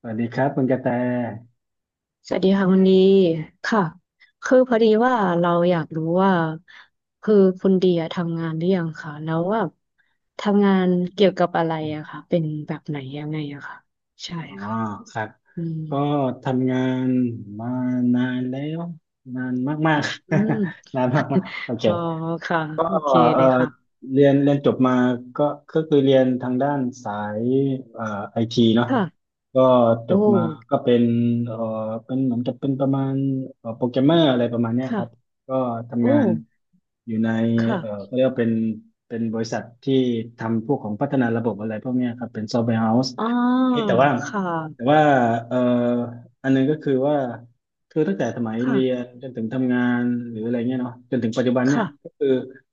สวัสดีครับคุณกระแต สวัสดีค่ะคุณดีค่ะคือพอดีว่าเราอยากรู้ว่าคือคุณดีอะทำงานหรือยังคะแล้วว่าทำงานเกี่ยวกับอะไรอะค่ะเป็นแบบไหนยังไงอะค่ะใช่อ๋อค่ะครับ อืมก็ทำงานมานานแล้วนานมากอืมๆ นานมากๆโอเค อ๋อค่ะก็โอเคเอเลอยค่ะเรียนจบมาก็ก็คือเรียนทางด้านสายเอ่อไอทีเนาะค่ะก็จโอ้บมาก็เป็นเอ่อเป็นเหมือนกับเป็นประมาณโปรแกรมเมอร์อะไรประมาณเนี้ยคค่ะรับก็โอ้ทำงานอยู่ในค่ะเขาเรียกว่าเป็นบริษัทที่ทำพวกของพัฒนาระบบอะไรพวกเนี้ยครับเป็นซอฟต์แวร์เฮาส์อ๋อแต่ว่าค่แต่ะว่าเอ่ออันหนึงก็คือว่าคือตั้งแต่สมัยค่ะเรียนจนถึงทำงานหรืออะไรเงี้ยเนาะจนถึงปัจจุบันเนี่ยก็ค่ะคือ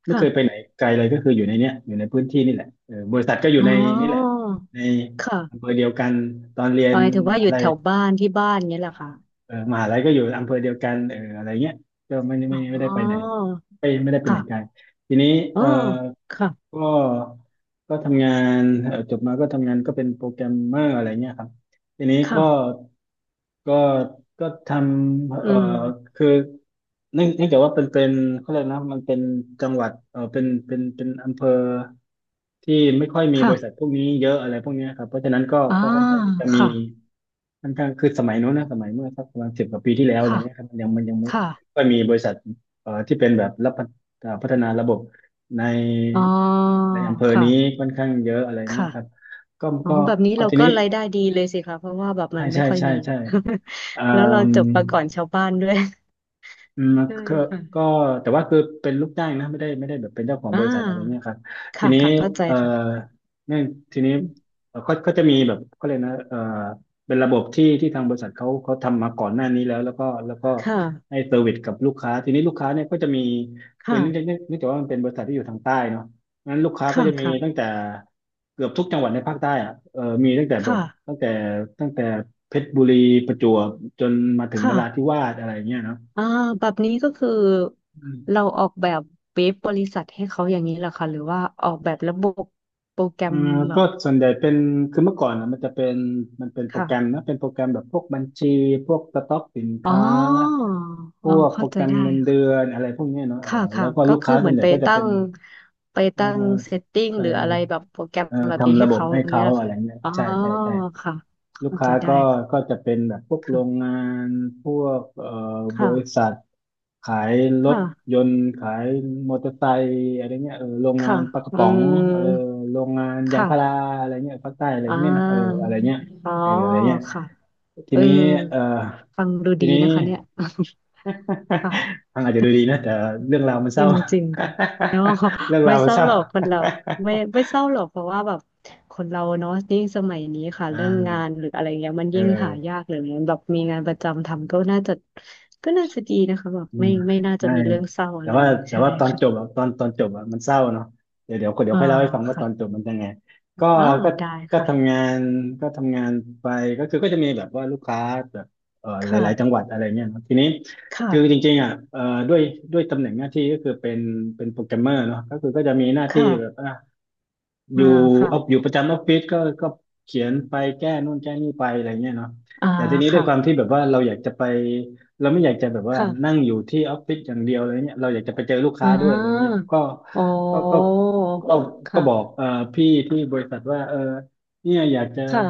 ไม่เคยไปค่ะไหนไกลเลยก็คืออยู่ในเนี้ยอยู่ในพื้นที่นี่แหละเออบริษัทก็อยู่อ๋อในนี่แหละในอำเภค่ะอเดียวกัน ตอนเรียหนมายถึงมว่าอหายู่ลัแถยวบ้านที่บ้านเงี้ยแหละค่ะเออมหาลัยก็อยู่อำเภอเดียวกันเอออะไรเงี้ยก็ไม่ไม่อ๋อได้ไปไหนไม่ได้ไปไหค่ะ นไกลทีนี้อ๋อเออค่ะก็ก็ทำงานจบมาก็ทำงานก็เป็นโปรแกรมเมอร์อะไรเงี้ยครับทีนี้ค่ะก็ก็ทำอืมคือเนื่องจากว่าเป็นเขาเรียกนะมันเป็นจังหวัดเออเป็นอำเภอ ที่ไม่ค่อยมีบริษัทค่ะพวกนี้เยอะอะไรพวกเนี้ยครับเพราะฉะนั้นก็อ่าก็ค่อนข้างที่จะมีค่ะค่อนข้างคือสมัยโน้นนะสมัยเมื่อสักประมาณสิบกว่าปีที่แล้วอะไรค่ะเงี้ยครับมันยังไม่ค่ะค่อยมีบริษัทที่เป็นแบบรับพัฒเอ่อพัฒนาระบบในอ๋ออำเภอนี้ค่ะค่อนข้างเยอะอะไรเงี้ค่ะยครับก็อ๋อ ก็แบบนี้ก็เราทีก็นี้รายได้ดีเลยสิคะ เพราะว่าแบบมัใช่นไม่ใช่ค่อยใช่มี ใช่เอ่อ แล้วเราจบมาก่อนชาวบ้านด้วยอืมใช่ก็ก็ค่ะแต่ว่าคือเป็นลูกจ้างนะไม่ได้แบบเป็นเจ้าของอ่บริษัทอะไรเนี่ยาครับทีค่ะนี้ค่ะเข้าใจเอ่อค่ะเนี่ยทีนี้เอ่อเขาจะมีแบบเขาเรียกนะเป็นระบบที่ทางบริษัทเขาทำมาก่อนหน้านี้แล้วแล้วก็ค่ะให้เซอร์วิสกับลูกค้าทีนี้ลูกค้าเนี่ยก็จะมีคือเนื่องจากค่ะเนื่องจากว่ามันเป็นบริษัทที่อยู่ทางใต้เนาะงั้นลูกค้าก็ค่ะจะมีค่ะตั้งแต่เกือบทุกจังหวัดในภาคใต้อะเออมีตั้งแต่แบบค่ะตั้งแต่ตั้งแต่เพชรบุรีประจวบจนมาถึงนค่ะราธิวาสอะไรเงี้ยเนาะ อ่าแบบนี้ก็คือเราออกแบบเว็บบริษัทให้เขาอย่างนี้เหรอคะหรือว่าออกแบบระบบโปรแกรอ่มาแบก็บ ส่วนใหญ่เป็นคือเมื่อก่อนนะมันเป็นโปรแกรมค่ะ นะเป็นโปรแกรมแบบพวกบัญชีพวกสต็อกสินอ๋อค้าพอ๋อวกโปรเข้าแกใจรมได้เงินเดือค่ะนอะไรพวกเนี้ยเนาะเออค่ะ แล้ค่ะ วก็ก็ลูกคือค้าเหส่วมืนอนใหญ่ไปก็จะตั้เป็นงไปเอ่อตั้งเซตติ้งไปหรืออะไรแบบโปรแกรมเอ่อแบบนี้ทำให้ระบบเขาให้อย่างเงี้เขายแหละอะไรค่ะเงี้ยอ๋อ ใช่ใช่ใช่ค่ะลูกเข้าใจค้าได้ก็คก็จะเป็นแบบพวกโรง่ะงานพวกบค่ะริษัท ขายรถค่ะยนต์ขายมอเตอร์ไซค์อะไรเงี้ยเออโรงงาค่ะนปลากระค่ะอืป๋องเออมโรงงานยางพาราค่ะอะไรเงี้ยภาคใต้อะไรอ่พวกเนี้ยนะเออาอะไรเงี้ยอ๋อ เอออะไรเงี้ยค่ะทีเออนี้เออฟังดูทีดีนี้ นะคะเนี่ย ค่ะ ฟังอาจจะดูดีนะแต่เรื่องราวมันเศจร้า ริงๆค่ะแล้วก็ เรื่องไม่ราวมัเศนร้าเศร้าหรอกคนเราไม่เศร้าหรอกเพราะว่าแบบคนเราเนาะยิ่งสมัยนี้ค่ะอ่เรื่องงาานหรืออะไรเงี้ยมันเออ ยิ่งหายากเลยแบบมีงานประจำทำก็น่าจะก็น่าจะดีนะคะแบบอืไม่มไม่น่าจะไม่มีเรื่องเศร้าแต่อะไรว่าแต่ใช่ว่าตอนจบค่ะอะตอนจบอะมันเศร้าเนาะเดี๋ยวเดี๋ยวเดี๋ยอ๋วอค่อยเล่าให้ฟังว่าตค่ะอนจบมันยังไงก็อ๋อก็ได้ก็ค่ะทำงานก็ทำงานไปก็คือก็จะมีแบบว่าลูกค้าแบบหค่ะลายๆจังหวัดอะไรเงี้ยเนอะทีนี้ค่ะคือจริงๆอ่ะด้วยด้วยตำแหน่งหน้าที่ก็คือเป็นเป็นโปรแกรมเมอร์เนาะก็คือก็จะมีหน้าที่แบบ ค่ะออ่ายู่เอาอค่ะยู่ประจำออฟฟิศก็เขียนไปแก้นู่นแก้นี่ไปอะไรเงี้ยเนาะอ่าแต่ทีนี้ด้วยความค่ะที่แบบว่าเราอยากจะไปเราไม่อยากจะแบบว่านั่งค่ะอยู่ที่ออฟฟิศอย่างเดียวอะไรเงี้ยเราอยากจะไปเจอลูกอ่ค้าด้วยอะไรเงี้ยาอ๋อก็ก็ก็ก็ค่ะบอกพี่ที่บริษัทว่าเออเนี่ยค่ะ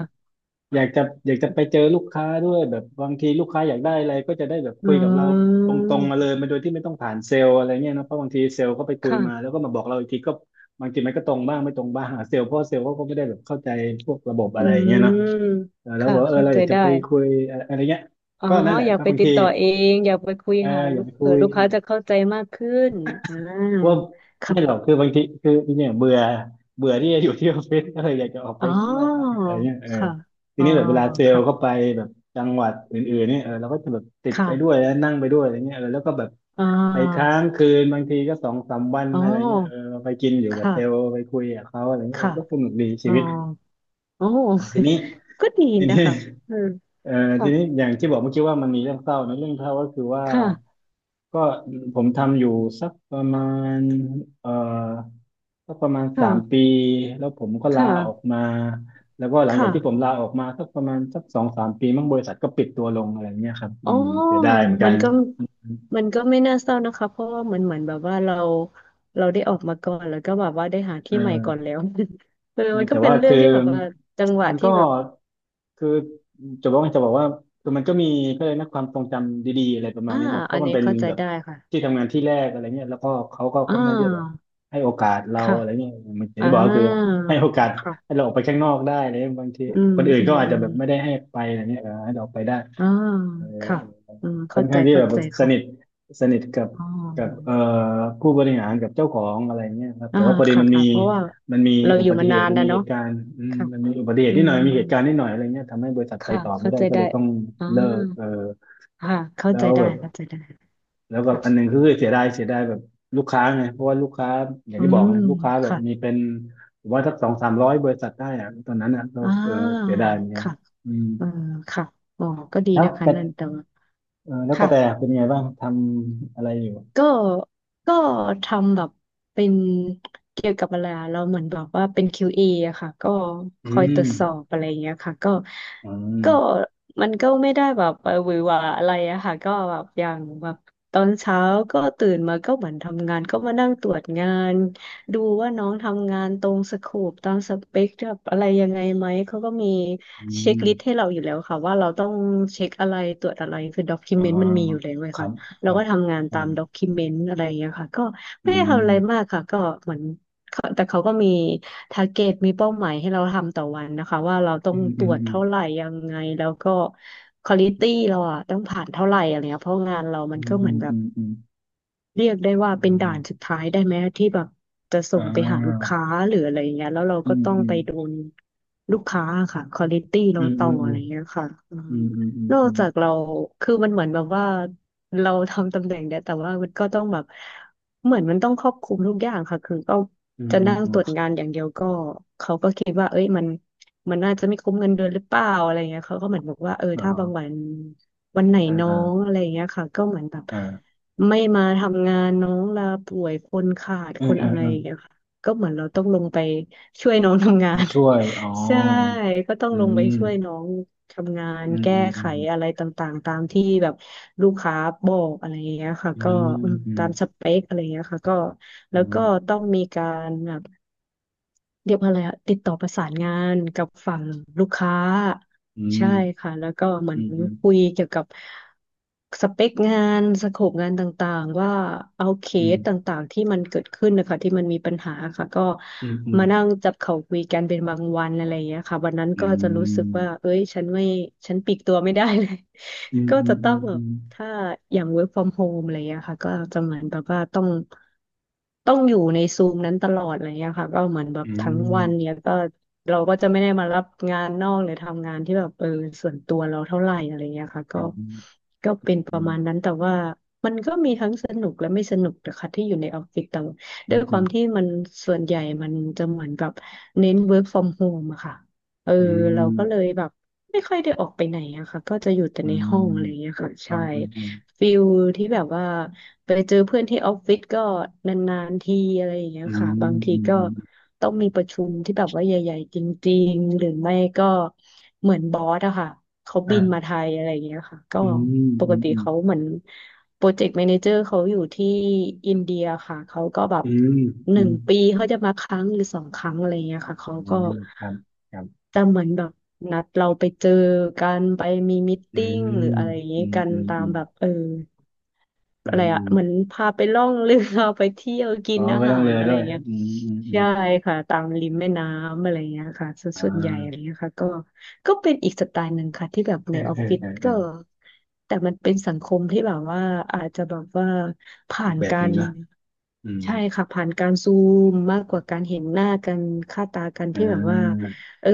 อยากจะอยากจะไปเจอลูกค้าด้วยแบบบางทีลูกค้าอยากได้อะไรก็จะได้แบบอืคุยกับเราตรงๆมาเลมยมาโดยที่ไม่ต้องผ่านเซลล์อะไรเงี้ยนะเพราะบางทีเซลล์ก็ไปคุยมาค่ะ แล้วก็มาบอกเราอีกทีก็บางทีมันก็ตรงบ้างไม่ตรงบ้างหาเซลล์เพราะเซลล์เขาก็ไม่ได้แบบเข้าใจพวกระบบอะอืไรเงี้ยเนาะมเออแล้วค่ะบอกว่าเออเข้าเราอใจยากจะได้ไปคุยอะไรเงี้ยอ๋อก็นั่นแหละอยากก็ไปบางติดทีต่อเองอยากไปคุยเออค่ะอลูยากกไปคุเผื่อย ลูกค้าจะเข้าใจมากขึ้นอ่าว่าไม่หรอค่ะกคือบางทีคือเนี่ยเบื่อเบื่อที่จะอยู่ที่ออฟฟิศก็เลยอยากจะออกไปอ๋อข้างนอกบ้างอะไรเงี้ยเออค่ะทีอ๋อนี้แบบเวลาเซลค่ะล์เข้าไปแบบจังหวัดอื่นๆเนี่ยเออเราก็จะแบบติดไปด้วยค่ะแล้วนั่งไปด้วยอะไรเงี้ยเออแล้วก็แบบอ่ไปค้าางคืนบางทีก็สองสามวันอ๋ออะไรเงี้ยเออาไปกินอยู่คกับเซลล์่ะไปคุยกับเขาอะไรเงี้ยเออค่ะก็สนุกดีอ๋ชีอวิตโอ้ เออทีนี้ ก็ดีทีนะนี้คะ อืม เออทีค่ะ นี้อย่างที่บอกเมื่อกี้ว่ามันมีเรื่องเศร้านะเรื่องเศร้าก็คือว่าค่ะ ก็ผมทำอยู่สักประมาณเอ่อ ก็ประมาณสามค่ะ ปีแล้วผมก็คลาออก่ะมาแล้วก็หลังจากที่ผมค่ะ ลาออกมาสักประมาณสักสองสามปีมั่งบริษัทก็ปิดตัวลงอะไรเงี้ยครับอือ๋อมเสียดายเหมือนกัมันนก็มันก็ไม่น่าเศร้านะคะเพราะว่าเหมือนแบบว่าเราได้ออกมาก่อนแล้วก็แบบว่าได้หาเที่ใหม่ก่อนออ แล้ว เออไม่มันก็แต่เป็นว่าเรื่องคือที่แบบว่าจังหวะมันที่ก็แบบคือจะบอกว่าคือมันก็มีก็เลยนะความทรงจำดีๆอะไรประมาณอ่านี้นะเพอัราะนมันนี้เป็นเข้าใจแบบได้ค่ะที่ทำงานที่แรกอะไรเงี้ยแล้วก็เขาก็อ่ค่อนข้างที่จะแบบาให้โอกาสเราค่ะอะไรเงี้ยมันอย่างอ่าที่บอกก็คือให้โอกาสให้ค่ะเราออกไปข้างนอกได้อะไรเลยบางทีอืมคนอื่นอืก็มอาจอืจะมแบบไม่ได้ให้ไปอะไรเงี้ยเออให้เราออกไปได้ อ่าเออค่ะอืมค่อเข้านใจข้างที่เข้าแบบใจสค่ะนิทสนิทกับอ๋กับอผู้บริหารกับเจ้าของอะไรเงี้ยครับอ่าแต่ว่าพอดีค่ะมันมีค่ะ เพราะว่ามันมีเราอุอยู่บัติมาเหนาตุนมันแล้วมีเหเนาะตุการณ์อืมค่ะมันมีอุบัติเหอืตุนิดหน่มอยมีเหตุการณ์นิดหน่อยอะไรเงี้ยทำให้บริษัทไปค่ะต่อไม่เข้าได้ใจก็ได้เลยต้องอ่า เลิกเออค่ะเข้าแล้ใจวได้แบบเข้าใจได้แล้วก็ค่ะอันหนึงคือเสียดายแบบลูกค้าไงเพราะว่าลูกค้าอย่างอืที่บอกมไงลูกค้าแบบมีค่ะเป็นผมว่าสักสองสามร้อยบริษัทได้อะตอนนั้นอ่ะก็อ่เออาเสียดายเหมือนกันค่ะอืมเออค่ะอ๋อก็ดีแล้วนะกคะระนั่นแต่ว่าเออแล้วกค่ะ ระแตเป็นไงบ้างทำอะไรอยู่ ก็ก็ทำแบบเป็นเกี่ยวกับอะไรอะเราเหมือนแบบว่าเป็น QA ออะค่ะก็คอือยตรมวจสอบอะไรอย่างเงี้ยค่ะก็อืมก็มันก็ไม่ได้แบบหวือหวาอะไรอะค่ะก็แบบอย่างแบบตอนเช้าก็ตื่นมาก็เหมือนทำงานก็มานั่งตรวจงานดูว่าน้องทำงานตรงสโคปตามสเปคแบบอะไรยังไงไหมเขาก็มีอืเช็คลิสต์ให้มเราอยู่แล้วค่ะว่าเราต้องเช็คอะไรตรวจอะไรคือด็อกิอ่าเมนต์มันมีอยู่แล้วเลยครัค่ะ บคเรารับก็ทำงานอืตามด็อกิเมนต์อะไรอย่างเงี้ยค่ะก็ไม่ได้ทำอะไรมมากค่ะก็เหมือนเขาแต่เขาก็มีทาร์เก็ตมีเป้าหมายให้เราทำต่อวันนะคะว่าเราต้ออืงมตอืรมวจอืเท่าไหร่ยังไงแล้วก็ควอลิตี้เราอะต้องผ่านเท่าไหร่อะไรเงี้ยเพราะงานเรามมันอืก็มเหอืมือมนแบอืบ มอืมเรียกได้ว่าอืเป็นด่านสุดมท้ายได้ไหมที่แบบจะส่อ่งไปหาลูกาค้าหรืออะไรเงี้ยแล้วเราอืก็มต้องอืไปมโดนลูกค้าค่ะควอลิตี้อืเรามต่อือมอะอืไรมเงี้ยค่ะอืมอืมอืมนออืกมจากเราคือมันเหมือนแบบว่าเราทำตำแหน่งเนี่ยแต่ว่ามันก็ต้องแบบเหมือนมันต้องครอบคลุมทุกอย่างค่ะคือก็อืมจะอืมนั่งอืตมรวจงานอย่างเดียวก็เขาก็คิดว่าเอ้ยมันน่าจะไม่คุ้มเงินเดือนหรือเปล่าอะไรเงี้ยเขาก็เหมือนบอกว่าเออถ้าบางวัอ่านวันไหนอ่าน้ออ่างอะไรเงี้ยค่ะก็เหมือนแบบ อ่าไม่มาทำงานน้องลาป่วยคนขาดอืคมนอือะมไรอือมย่างเงี้ยค่ะก็เหมือนเราต้องลงไปช่วยน้องทำงามาน ช่วยอ๋อ ใช่ก็ต้องอืลงไปมช่วยน้องทำงานอืมแก้อืมอืไขมอะไรต่างๆตามที่แบบลูกค้าบอกอะไรอย่างเงี้ยค่ะอืก็มอืมอืมตามสเปคอะไรอย่างเงี้ยค่ะก็อืแล้วก็มต้องมีการแบบ เรียกว่าอะไรอะติดต่อประสานงานกับฝั่งลูกค้าอืใช่มค่ะแล้วก็เหมืออืนคุมยเกี่ยวกับสเปคงานสโคปงานต่างๆว่าเอาเคอืสตม่างๆที่มันเกิดขึ้นนะคะที่มันมีปัญหาค่ะก็อืมอืมมานั่งจับเข่าคุยกันเป็นบางวันอะไรอย่างเงี้ยค่ะวันนั้นอืก็จะรู้สึมกว่าเอ้ยฉันปลีกตัวไม่ได้เลย อืม ก็อืจะมอืต้องมแบอืบ มอืมถ้าอย่าง work from home อะไรอย่างเงี้ยค่ะก็จะเหมือนแบบว่าต้องอยู่ในซูมนั้นตลอดอะไรอย่างเงี้ยค่ะก็เหมือนแบอืบทั้งวันเนี้ยมก็เราก็จะไม่ได้มารับงานนอกหรือทำงานที่แบบส่วนตัวเราเท่าไหร่อะไรอย่างเงี้ยค่ะอ๋ก็อ ก็เป็นประอืมาณนั้มนแต่ว่ามันก็มีทั้งสนุกและไม่สนุกนะคะที่อยู่ในออฟฟิศแต่ว่าอืด้วมยคอืวามมที่มันส่วนใหญ่มันจะเหมือนแบบเน้น work from home อะค่ะเอออืเรามก็เลยแบบ ไม่ค่อยได้ออกไปไหนอะค่ะก็จะอยู่แต่อืในห้องอะไรอย่างเงี้ยมค่ะอืใช่มอืฟิลที่แบบว่าไปเจอเพื่อนที่ออฟฟิศก็นานๆทีอะไรอย่างเงี้ยค่ะบางมทีอืก็มต้องมีประชุมที่แบบว่าใหญ่ๆจริงๆหรือไม่ก็เหมือนบอสอะค่ะเขาบินมาอ่าไทยอะไรอย่างเงี้ยค่ะก็อืมปอืกมติอืมเขาเหมือน โปรเจกต์แมเนเจอร์เขาอยู่ที่อินเดียค่ะ เขาก็แบบอืมหอืนึ่งปีเขาจะมาครั้งหรือสองครั้งอะไรเงี้ยค่ะ เขามอืก็มครับครับจะเหมือนแบบนัดเราไปเจอกันไปมีมิทอืติ้งหรือมอะไรอย่างอืเงี้ยมกันอืมตาอืมมแบบอือะไรมอือะมเหมือนพาไปล่องเรือ ไปเที่ยวกิอ๋อนอาไม่ต้หาองเลรออะไรด้วยเงี้ยอืมอืมอืมใช่ค่ะตามริมแม่น้ำอะไรเงี้ยค่ะส่วนอ่ส่วนใหญ่อะไราเงี้ยค่ะก็ก็เป็นอีกสไตล์หนึ่งค่ะที่แบบเอในอออเอฟอฟิศเออเอก็อแต่มันเป็นสังคมที่แบบว่าอาจจะแบบว่าผ่าอีกนแบบกาหนึ่รงนะอืมใช่ค่ะผ่านการซูมมากกว่าการเห็นหน้ากันค่าตากันอ่ที่แบบว่าาเออ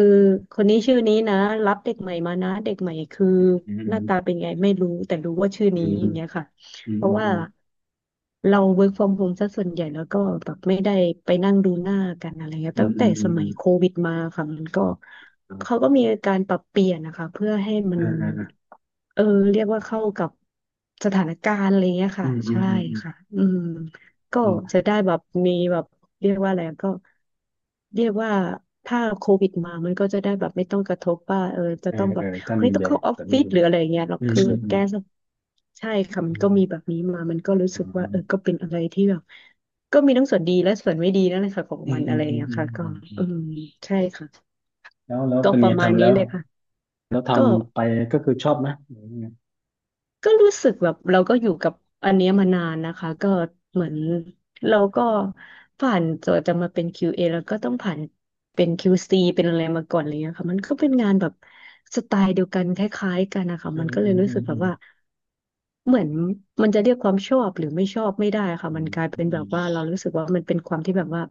คนนี้ชื่อนี้นะรับเด็กใหม่มานะเด็กใหม่คืออืมหอืน้ามตาเป็นไงไม่รู้แต่รู้ว่าชื่ออืนี้มอย่างเงี้ยค่ะ อืมเพอืราะมว่าอืเรา work from home ซะส่วนใหญ่แล้วก็แบบไม่ได้ไปนั่งดูหน้ากันอะไรเงี้ยมอืตั้มงอืแต่มสอืมัยมโควิดมาค่ะมันก็เขาอ่าก็มีการปรับเปลี่ยนนะคะเพื่อให้มันอ่าอ่าเออเรียกว่าเข้ากับสถานการณ์อะไรเงี้ยอืค่ะมอืมใช่อืมค่ะออืมก็ืมจะได้แบบมีแบบเรียกว่าอะไรก็เรียกว่าถ้าโควิดมามันก็จะได้แบบไม่ต้องกระทบว่าจะเออต้องแบเอบ อถ้าเฮ้มียต้อแบงบเข้าออแบฟบฟินี้ศหรืออะไรเงี้ยหรอกอืมคืออืแกมสใช่ค่ะมัอืนก็มีแบม บนี้มามันก็รู้อ๋สึกว่าอก็เป็นอะไรที่แบบก็มีทั้งส่วนดีและส่วนไม่ดีนั่นแหละค่ะของอืมัมนอือะมไรอย่าอืงมเงี้ยอืมค่ะก็อืมอืเอมอใช่ค่ะแล้วแล้วก็เป็นปไงระมาณทำแล้นี้วเลยค่ะแล้วทก็ำไปก็คือชอบไหมหรือยังไงก็รู้สึกแบบเราก็อยู่กับอันเนี้ยมานานนะคะก็เหมือนเราก็ผ่านตัวจะมาเป็น QA แล้วก็ต้องผ่านเป็น QC เป็นอะไรมาก่อนอะไรเงี้ยค่ะมันก็เป็นงานแบบสไตล์เดียวกันคล้ายๆกันนะคะอืมันมก็เลอืยมรู้อืสึมกแบอืบมว่า เหมือนมันจะเรียกความชอบหรือไม่ชอบไม่ได้ค่ะอืมันมกลายเป็นแบบว่าเรารู้สึกว่ามันเป็นความที่แบบว่า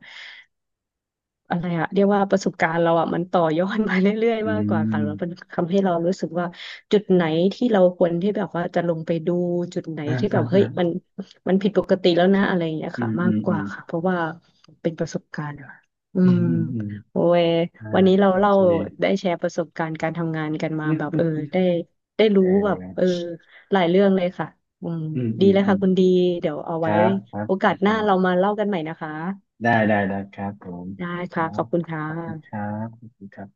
อะไรอะเรียกว่าประสบการณ์เราอะมันต่อยอดมาเรื่อยอืๆมมากกว่าอืค่ะมแล้วมันทำให้เรารู้สึกว่าจุดไหนที่เราควรที่แบบว่าจะลงไปดูจุดไหนอ่าที่แบอ่าบเฮ้ยอ่ามันมันผิดปกติแล้วนะอะไรอย่างเงี้ยอืค่ะมมาอืกมกอืว่ามค่ะเพราะว่าเป็นประสบการณ์อะอือืมมอืมอืมโอ้ยอ่าวันนี้เราโอเล่าเคได้แชร์ประสบการณ์การทำงานกันมาอืมแบบอืมได้ได้รู้เอแบบอหลายเรื่องเลยค่ะอืมอืมดีอืมแล้วอืค่ะมคุณดีเดี๋ยวเอาคไว้รับครับโอคกาสหรัน้าเราบมาเล่ากันใหม่นะคะได้ได้ได้ครับผมได้คค่ะรัขอบบคุณค่ขอบคุณครัะบขอบคุณครับ